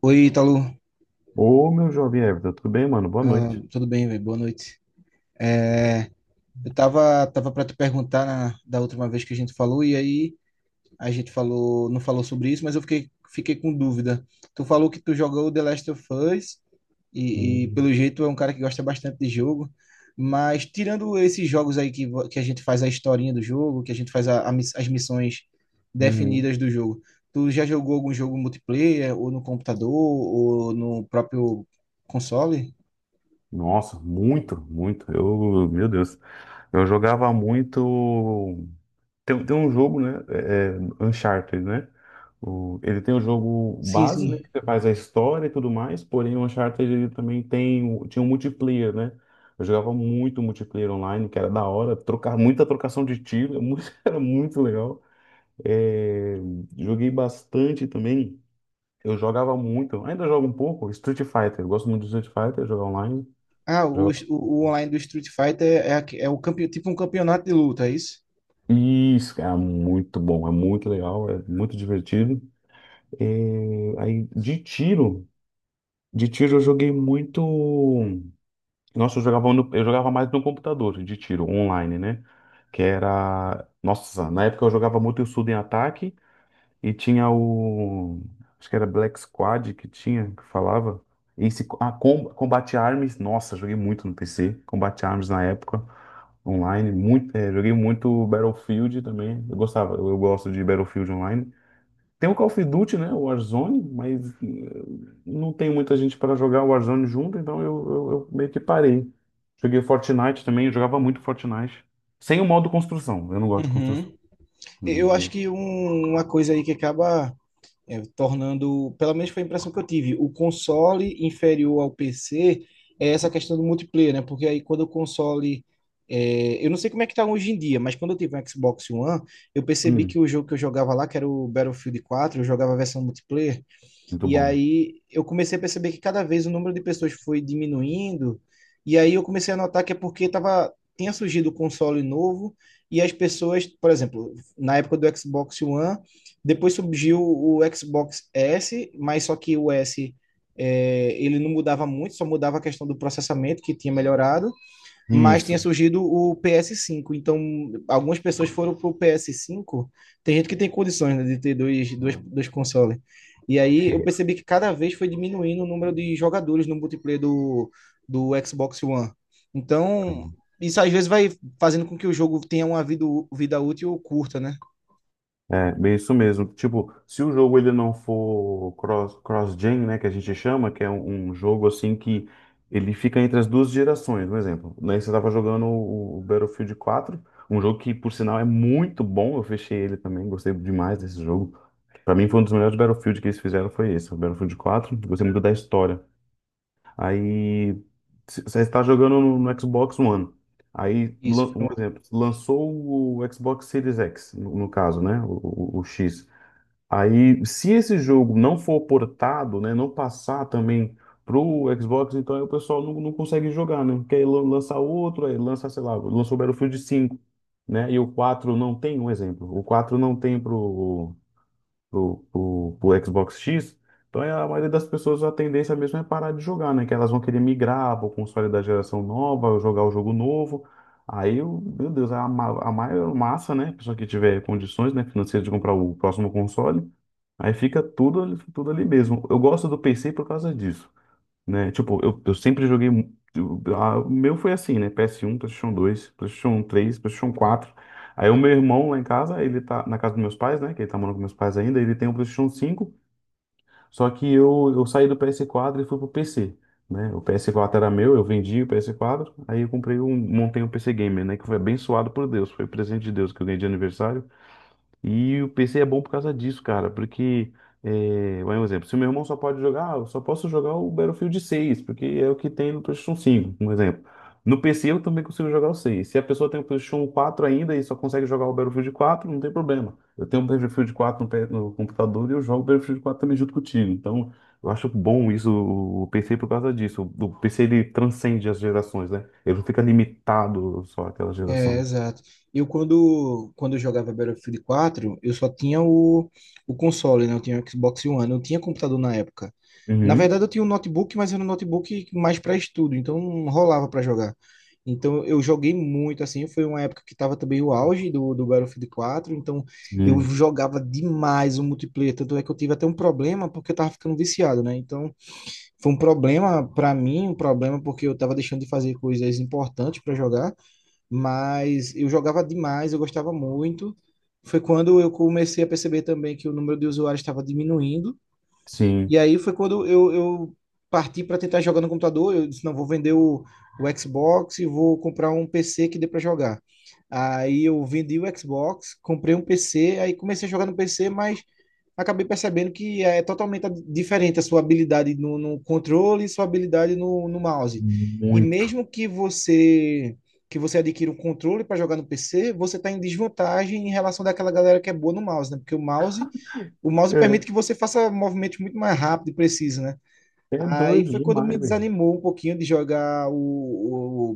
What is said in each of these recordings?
Oi, Ítalo. Ô, meu jovem Everton, tudo bem, mano? Boa Ah, noite. tudo bem, velho? Boa noite. É, eu tava para te perguntar da última vez que a gente falou, e aí a gente falou, não falou sobre isso, mas eu fiquei com dúvida. Tu falou que tu jogou The Last of Us, e Hum, pelo jeito é um cara que gosta bastante de jogo, mas tirando esses jogos aí que, que a gente faz a historinha do jogo, que a gente faz a as missões uhum. definidas do jogo, tu já jogou algum jogo multiplayer, ou no computador, ou no próprio console? Nossa, muito, muito. Eu, meu Deus, eu jogava muito. Tem um jogo, né? Uncharted, né? Ele tem o jogo Sim, base, né? sim. Que você faz a história e tudo mais, porém o Uncharted ele também tem, tinha um multiplayer, né? Eu jogava muito multiplayer online, que era da hora, trocar, muita trocação de tiro, era muito legal. É, joguei bastante também. Eu jogava muito, ainda jogo um pouco, Street Fighter. Eu gosto muito de Street Fighter, jogar online. Ah, o, o, jogar- o online do Street Fighter é, é o tipo um campeonato de luta, é isso? Isso, é muito bom, é muito legal, é muito divertido. É, aí, de tiro eu joguei muito. Nossa, eu jogava, eu jogava mais no computador, de tiro, online, né? Que era. Nossa, na época eu jogava muito Suda em Ataque. E tinha o. Acho que era Black Squad que tinha, que falava. Esse, ah, Combate Arms. Nossa, joguei muito no PC. Combate Arms na época, online. Muito, joguei muito Battlefield também. Eu gostava, eu gosto de Battlefield online. Tem o Call of Duty, né? O Warzone, mas não tem muita gente para jogar o Warzone junto, então eu meio que parei. Joguei Fortnite também, eu jogava muito Fortnite. Sem o modo construção, eu não gosto de construção. Uhum. Eu acho Hum, que uma coisa aí que acaba tornando, pelo menos foi a impressão que eu tive, o console inferior ao PC é essa questão do multiplayer, né? Porque aí quando o console. É, eu não sei como é que tá hoje em dia, mas quando eu tive um Xbox One, eu percebi que hum, o jogo que eu jogava lá, que era o Battlefield 4, eu jogava a versão multiplayer. muito E bom. aí eu comecei a perceber que cada vez o número de pessoas foi diminuindo, e aí eu comecei a notar que é porque tava, tinha surgido o console novo, e as pessoas, por exemplo, na época do Xbox One, depois surgiu o Xbox S, mas só que o S, é, ele não mudava muito, só mudava a questão do processamento, que tinha melhorado, mas tinha Isso. surgido o PS5. Então, algumas pessoas foram pro PS5. Tem gente que tem condições, né, de ter dois consoles. E aí eu percebi que cada vez foi diminuindo o número de jogadores no multiplayer do Xbox One. Então, isso às vezes vai fazendo com que o jogo tenha uma vida útil curta, né? É, bem isso mesmo. Tipo, se o jogo ele não for cross, cross-gen, né, que a gente chama, que é um jogo assim que ele fica entre as duas gerações, por exemplo. Né, você estava jogando o Battlefield quatro, um jogo que, por sinal, é muito bom. Eu fechei ele também, gostei demais desse jogo. Para mim, foi um dos melhores Battlefield que eles fizeram, foi esse, o Battlefield quatro. Gostei muito da história. Aí você está jogando no Xbox One. Aí, Isso. um exemplo, lançou o Xbox Series X, no caso, né? O X. Aí, se esse jogo não for portado, né? Não passar também pro Xbox, então aí o pessoal não consegue jogar, né? Porque aí lança outro, aí lança, sei lá, lançou o Battlefield cinco, né? E o 4 não tem, um exemplo. O 4 não tem pro pro Xbox X, então é, a maioria das pessoas a tendência mesmo é parar de jogar, né? Que elas vão querer migrar para o console da geração nova, jogar o jogo novo. Aí, meu Deus, a maior massa, né? Pessoa que tiver condições, né, financeiras de comprar o próximo console, aí fica tudo, tudo ali mesmo. Eu gosto do PC por causa disso, né? Tipo, eu sempre joguei. O meu foi assim, né? PS1, PlayStation 2, PlayStation 3, PlayStation 4. Aí o meu irmão lá em casa, ele tá na casa dos meus pais, né? Que ele tá morando com meus pais ainda, ele tem o PlayStation 5, só que eu saí do PS4 e fui pro PC, né? O PS4 era meu, eu vendi o PS4, aí eu comprei um, montei um PC Gamer, né? Que foi abençoado por Deus, foi presente de Deus que eu ganhei de aniversário. E o PC é bom por causa disso, cara, porque, é, vai um exemplo, se o meu irmão só pode jogar, ah, eu só posso jogar o Battlefield 6, porque é o que tem no PlayStation 5, um exemplo. No PC eu também consigo jogar o 6. Se a pessoa tem o PlayStation quatro ainda e só consegue jogar o Battlefield 4, não tem problema. Eu tenho o Battlefield 4 no, no computador e eu jogo o Battlefield 4 também junto contigo. Então, eu acho bom isso, o PC, por causa disso. O PC, ele transcende as gerações, né? Ele não fica limitado só àquela É, geração. exato. Eu quando eu jogava Battlefield quatro, eu só tinha o console, né? Eu tinha o Xbox One, eu não tinha computador na época. Na Uhum. verdade, eu tinha um notebook, mas era um notebook mais para estudo, então não rolava para jogar. Então eu joguei muito assim, foi uma época que tava também o auge do Battlefield quatro. Então eu Sim, jogava demais o multiplayer, tanto é que eu tive até um problema porque eu tava ficando viciado, né? Então foi um problema para mim, um problema porque eu tava deixando de fazer coisas importantes para jogar, mas eu jogava demais, eu gostava muito. Foi quando eu comecei a perceber também que o número de usuários estava diminuindo. E sim. aí foi quando eu parti para tentar jogar no computador. Eu disse, não, vou vender o Xbox e vou comprar um PC que dê para jogar. Aí eu vendi o Xbox, comprei um PC, aí comecei a jogar no PC, mas acabei percebendo que é totalmente diferente a sua habilidade no controle e sua habilidade no mouse. E Muito. mesmo que você adquira um controle para jogar no PC, você está em desvantagem em relação daquela galera que é boa no mouse, né? Porque o mouse permite É, que você faça movimentos muito mais rápido e preciso, né? é Aí doido foi quando me demais, velho. desanimou um pouquinho de jogar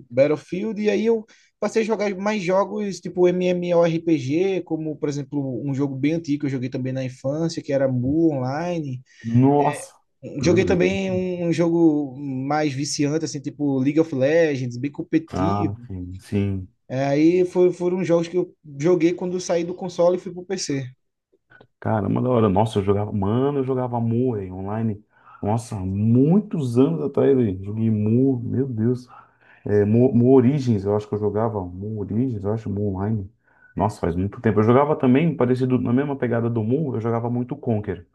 o Battlefield, e aí eu passei a jogar mais jogos tipo MMORPG, como por exemplo um jogo bem antigo que eu joguei também na infância, que era Mu Online. Nossa, meu Joguei Deus. também um jogo mais viciante, assim, tipo League of Legends, bem Ah, competitivo. sim, sim. É, aí foram jogos que eu joguei quando eu saí do console e fui pro PC. Caramba, da hora. Nossa, eu jogava. Mano, eu jogava mu, velho, online. Nossa, muitos anos atrás, velho. Joguei mu, meu Deus. É, mu, mu Origins, eu acho que eu jogava. Mu Origins, eu acho, mu online. Nossa, faz muito tempo. Eu jogava também, parecido, na mesma pegada do mu, eu jogava muito Conquer.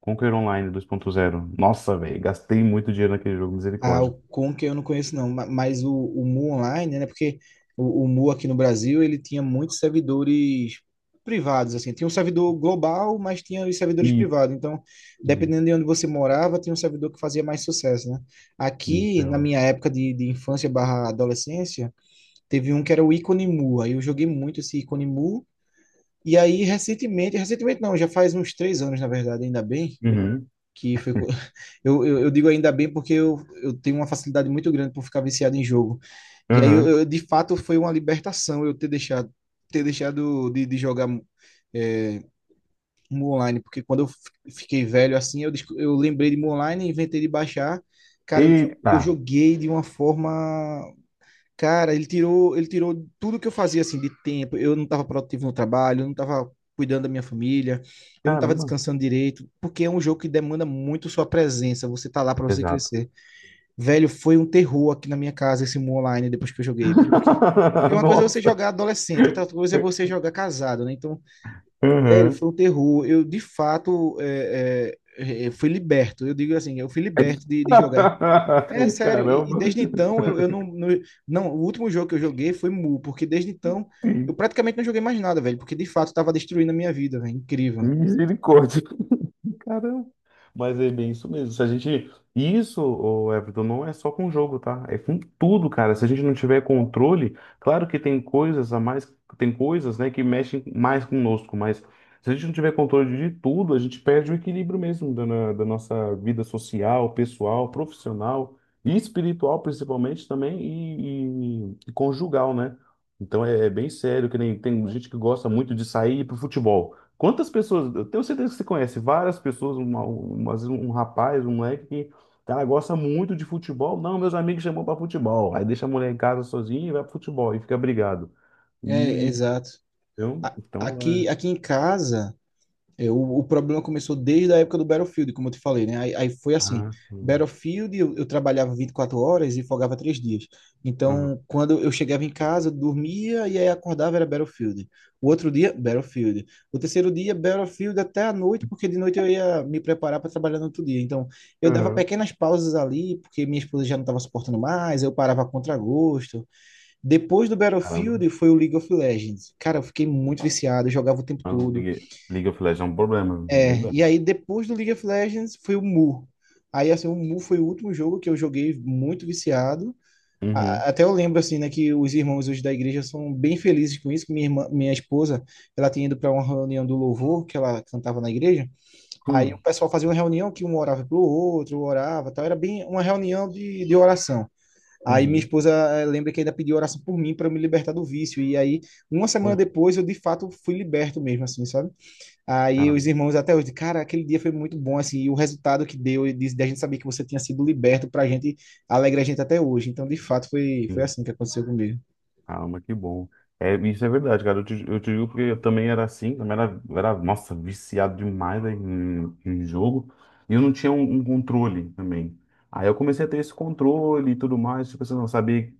Conquer Online dois ponto zero. Nossa, velho, gastei muito dinheiro naquele jogo, Ah, o misericórdia. Conker eu não conheço não, mas o Mu Online, né? Porque o Mu aqui no Brasil, ele tinha muitos servidores privados, assim. Tinha um servidor global, mas tinha os servidores Isso. privados. Então, dependendo de onde você morava, tinha um servidor que fazia mais sucesso, né? Aqui, na Então. minha época de infância barra adolescência, teve um que era o Icone Mu. Aí eu joguei muito esse Icone Mu. E aí, recentemente não, já faz uns 3 anos, na verdade, ainda bem, que foi. Eu digo ainda bem porque eu tenho uma facilidade muito grande por ficar viciado em jogo. E aí, Uhum. De fato, foi uma libertação eu ter deixado de jogar é, Mu Online, porque quando eu fiquei velho assim, eu, eu lembrei de Mu Online, inventei de baixar. Cara, eu, E, tá, eu joguei de uma forma. Cara, ele tirou tudo que eu fazia assim de tempo. Eu não estava produtivo no trabalho, eu não estava cuidando da minha família, eu não estava caramba, descansando direito, porque é um jogo que demanda muito sua presença. Você tá lá para você exato. crescer. Velho, foi um terror aqui na minha casa esse Mu Online depois que eu joguei, porque uma coisa é você Nossa. jogar adolescente, outra coisa é você jogar casado, né? Então, velho, Uhum. foi um terror. Eu de fato fui liberto. Eu digo assim, eu fui liberto de jogar. É sério, e Caramba. desde então eu não, não. Não, o último jogo que eu joguei foi Mu, porque desde então eu Sim. praticamente não joguei mais nada, velho, porque de fato tava destruindo a minha vida, velho. Incrível. Misericórdia. Caramba. Mas é bem isso mesmo. Se a gente. Isso, ô Everton, não é só com jogo, tá? É com tudo, cara. Se a gente não tiver controle, claro que tem coisas a mais, tem coisas, né, que mexem mais conosco, mas se a gente não tiver controle de tudo, a gente perde o equilíbrio mesmo da nossa vida social, pessoal, profissional e espiritual, principalmente também, e conjugal, né? Então é, é bem sério, que nem tem gente que gosta muito de sair para o futebol. Quantas pessoas, eu tenho certeza que você conhece várias pessoas, às vezes um rapaz, um moleque que, cara, gosta muito de futebol. Não, meus amigos chamam pra futebol. Aí deixa a mulher em casa sozinha e vai pro futebol e fica brigado. É, E exato. eu, então, é... Aqui, aqui em casa. Eu, o problema começou desde a época do Battlefield, como eu te falei, né? Aí, foi assim, Ah, sim. Battlefield eu trabalhava 24 horas e folgava 3 dias. Aham. Então, quando eu chegava em casa, eu dormia e aí acordava era Battlefield. O outro dia, Battlefield. O terceiro dia, Battlefield até a noite, porque de noite eu ia me preparar para trabalhar no outro dia. Então, eu dava Aham. pequenas pausas ali, porque minha esposa já não estava suportando mais, eu parava a contragosto. Depois do Caramba. Battlefield foi o League of Legends. Cara, eu fiquei muito viciado, eu jogava o tempo Ah, todo. League League of Legends é um problema, É, viu? e aí depois do League of Legends foi o Mu. Aí assim, o Mu foi o último jogo que eu joguei muito viciado. Uhum. Até eu lembro assim, né, que os irmãos hoje da igreja são bem felizes com isso, que minha irmã, minha esposa, ela tinha ido para uma reunião do louvor que ela cantava na igreja. Aí o Hum. pessoal fazia uma reunião que um orava pro outro, um orava, tal, era bem uma reunião de oração. Aí minha Uhum. esposa lembra que ainda pediu oração por mim para eu me libertar do vício. E aí, uma semana Pô, depois, eu de fato fui liberto mesmo, assim, sabe? Aí os caramba. irmãos até hoje, cara, aquele dia foi muito bom, assim, e o resultado que deu, e de a gente saber que você tinha sido liberto, pra gente, alegra a gente até hoje. Então, de fato, foi assim que aconteceu comigo. Caramba, que bom. É, isso é verdade, cara. Eu te digo porque eu também era assim, também era, nossa, viciado demais em, em jogo. E eu não tinha um controle também. Aí eu comecei a ter esse controle e tudo mais, tipo assim, eu não sabia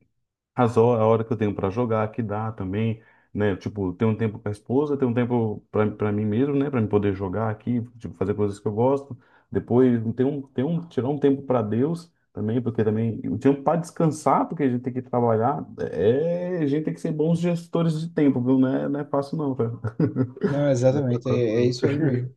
as horas, a hora que eu tenho para jogar, que dá também, né? Tipo, ter um tempo com a esposa, ter um tempo para mim mesmo, né? Para me poder jogar aqui, tipo, fazer coisas que eu gosto. Depois, ter um, tirar um tempo para Deus também, porque também o tempo para descansar, porque a gente tem que trabalhar, é, a gente tem que ser bons gestores de tempo, viu? Não é fácil não, cara. Não, Não é exatamente, fácil é não. isso aí mesmo.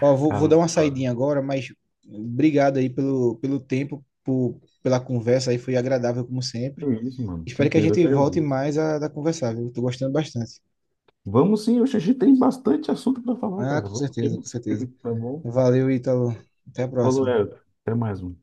Ó, vou dar Caramba, uma cara. saidinha agora, mas obrigado aí pelo, pelo tempo, por, pela conversa aí, foi agradável como É sempre. isso, mano. Espero que a Tranquilo, eu gente que volte agradeço. mais a conversar, viu? Tô gostando bastante. Vamos sim, hoje a gente tem bastante assunto para falar, Ah, cara. com Vamos certeza, sim. com certeza. Tá bom? Valeu, Ítalo. Até a Falou, próxima. Leandro. Até mais um.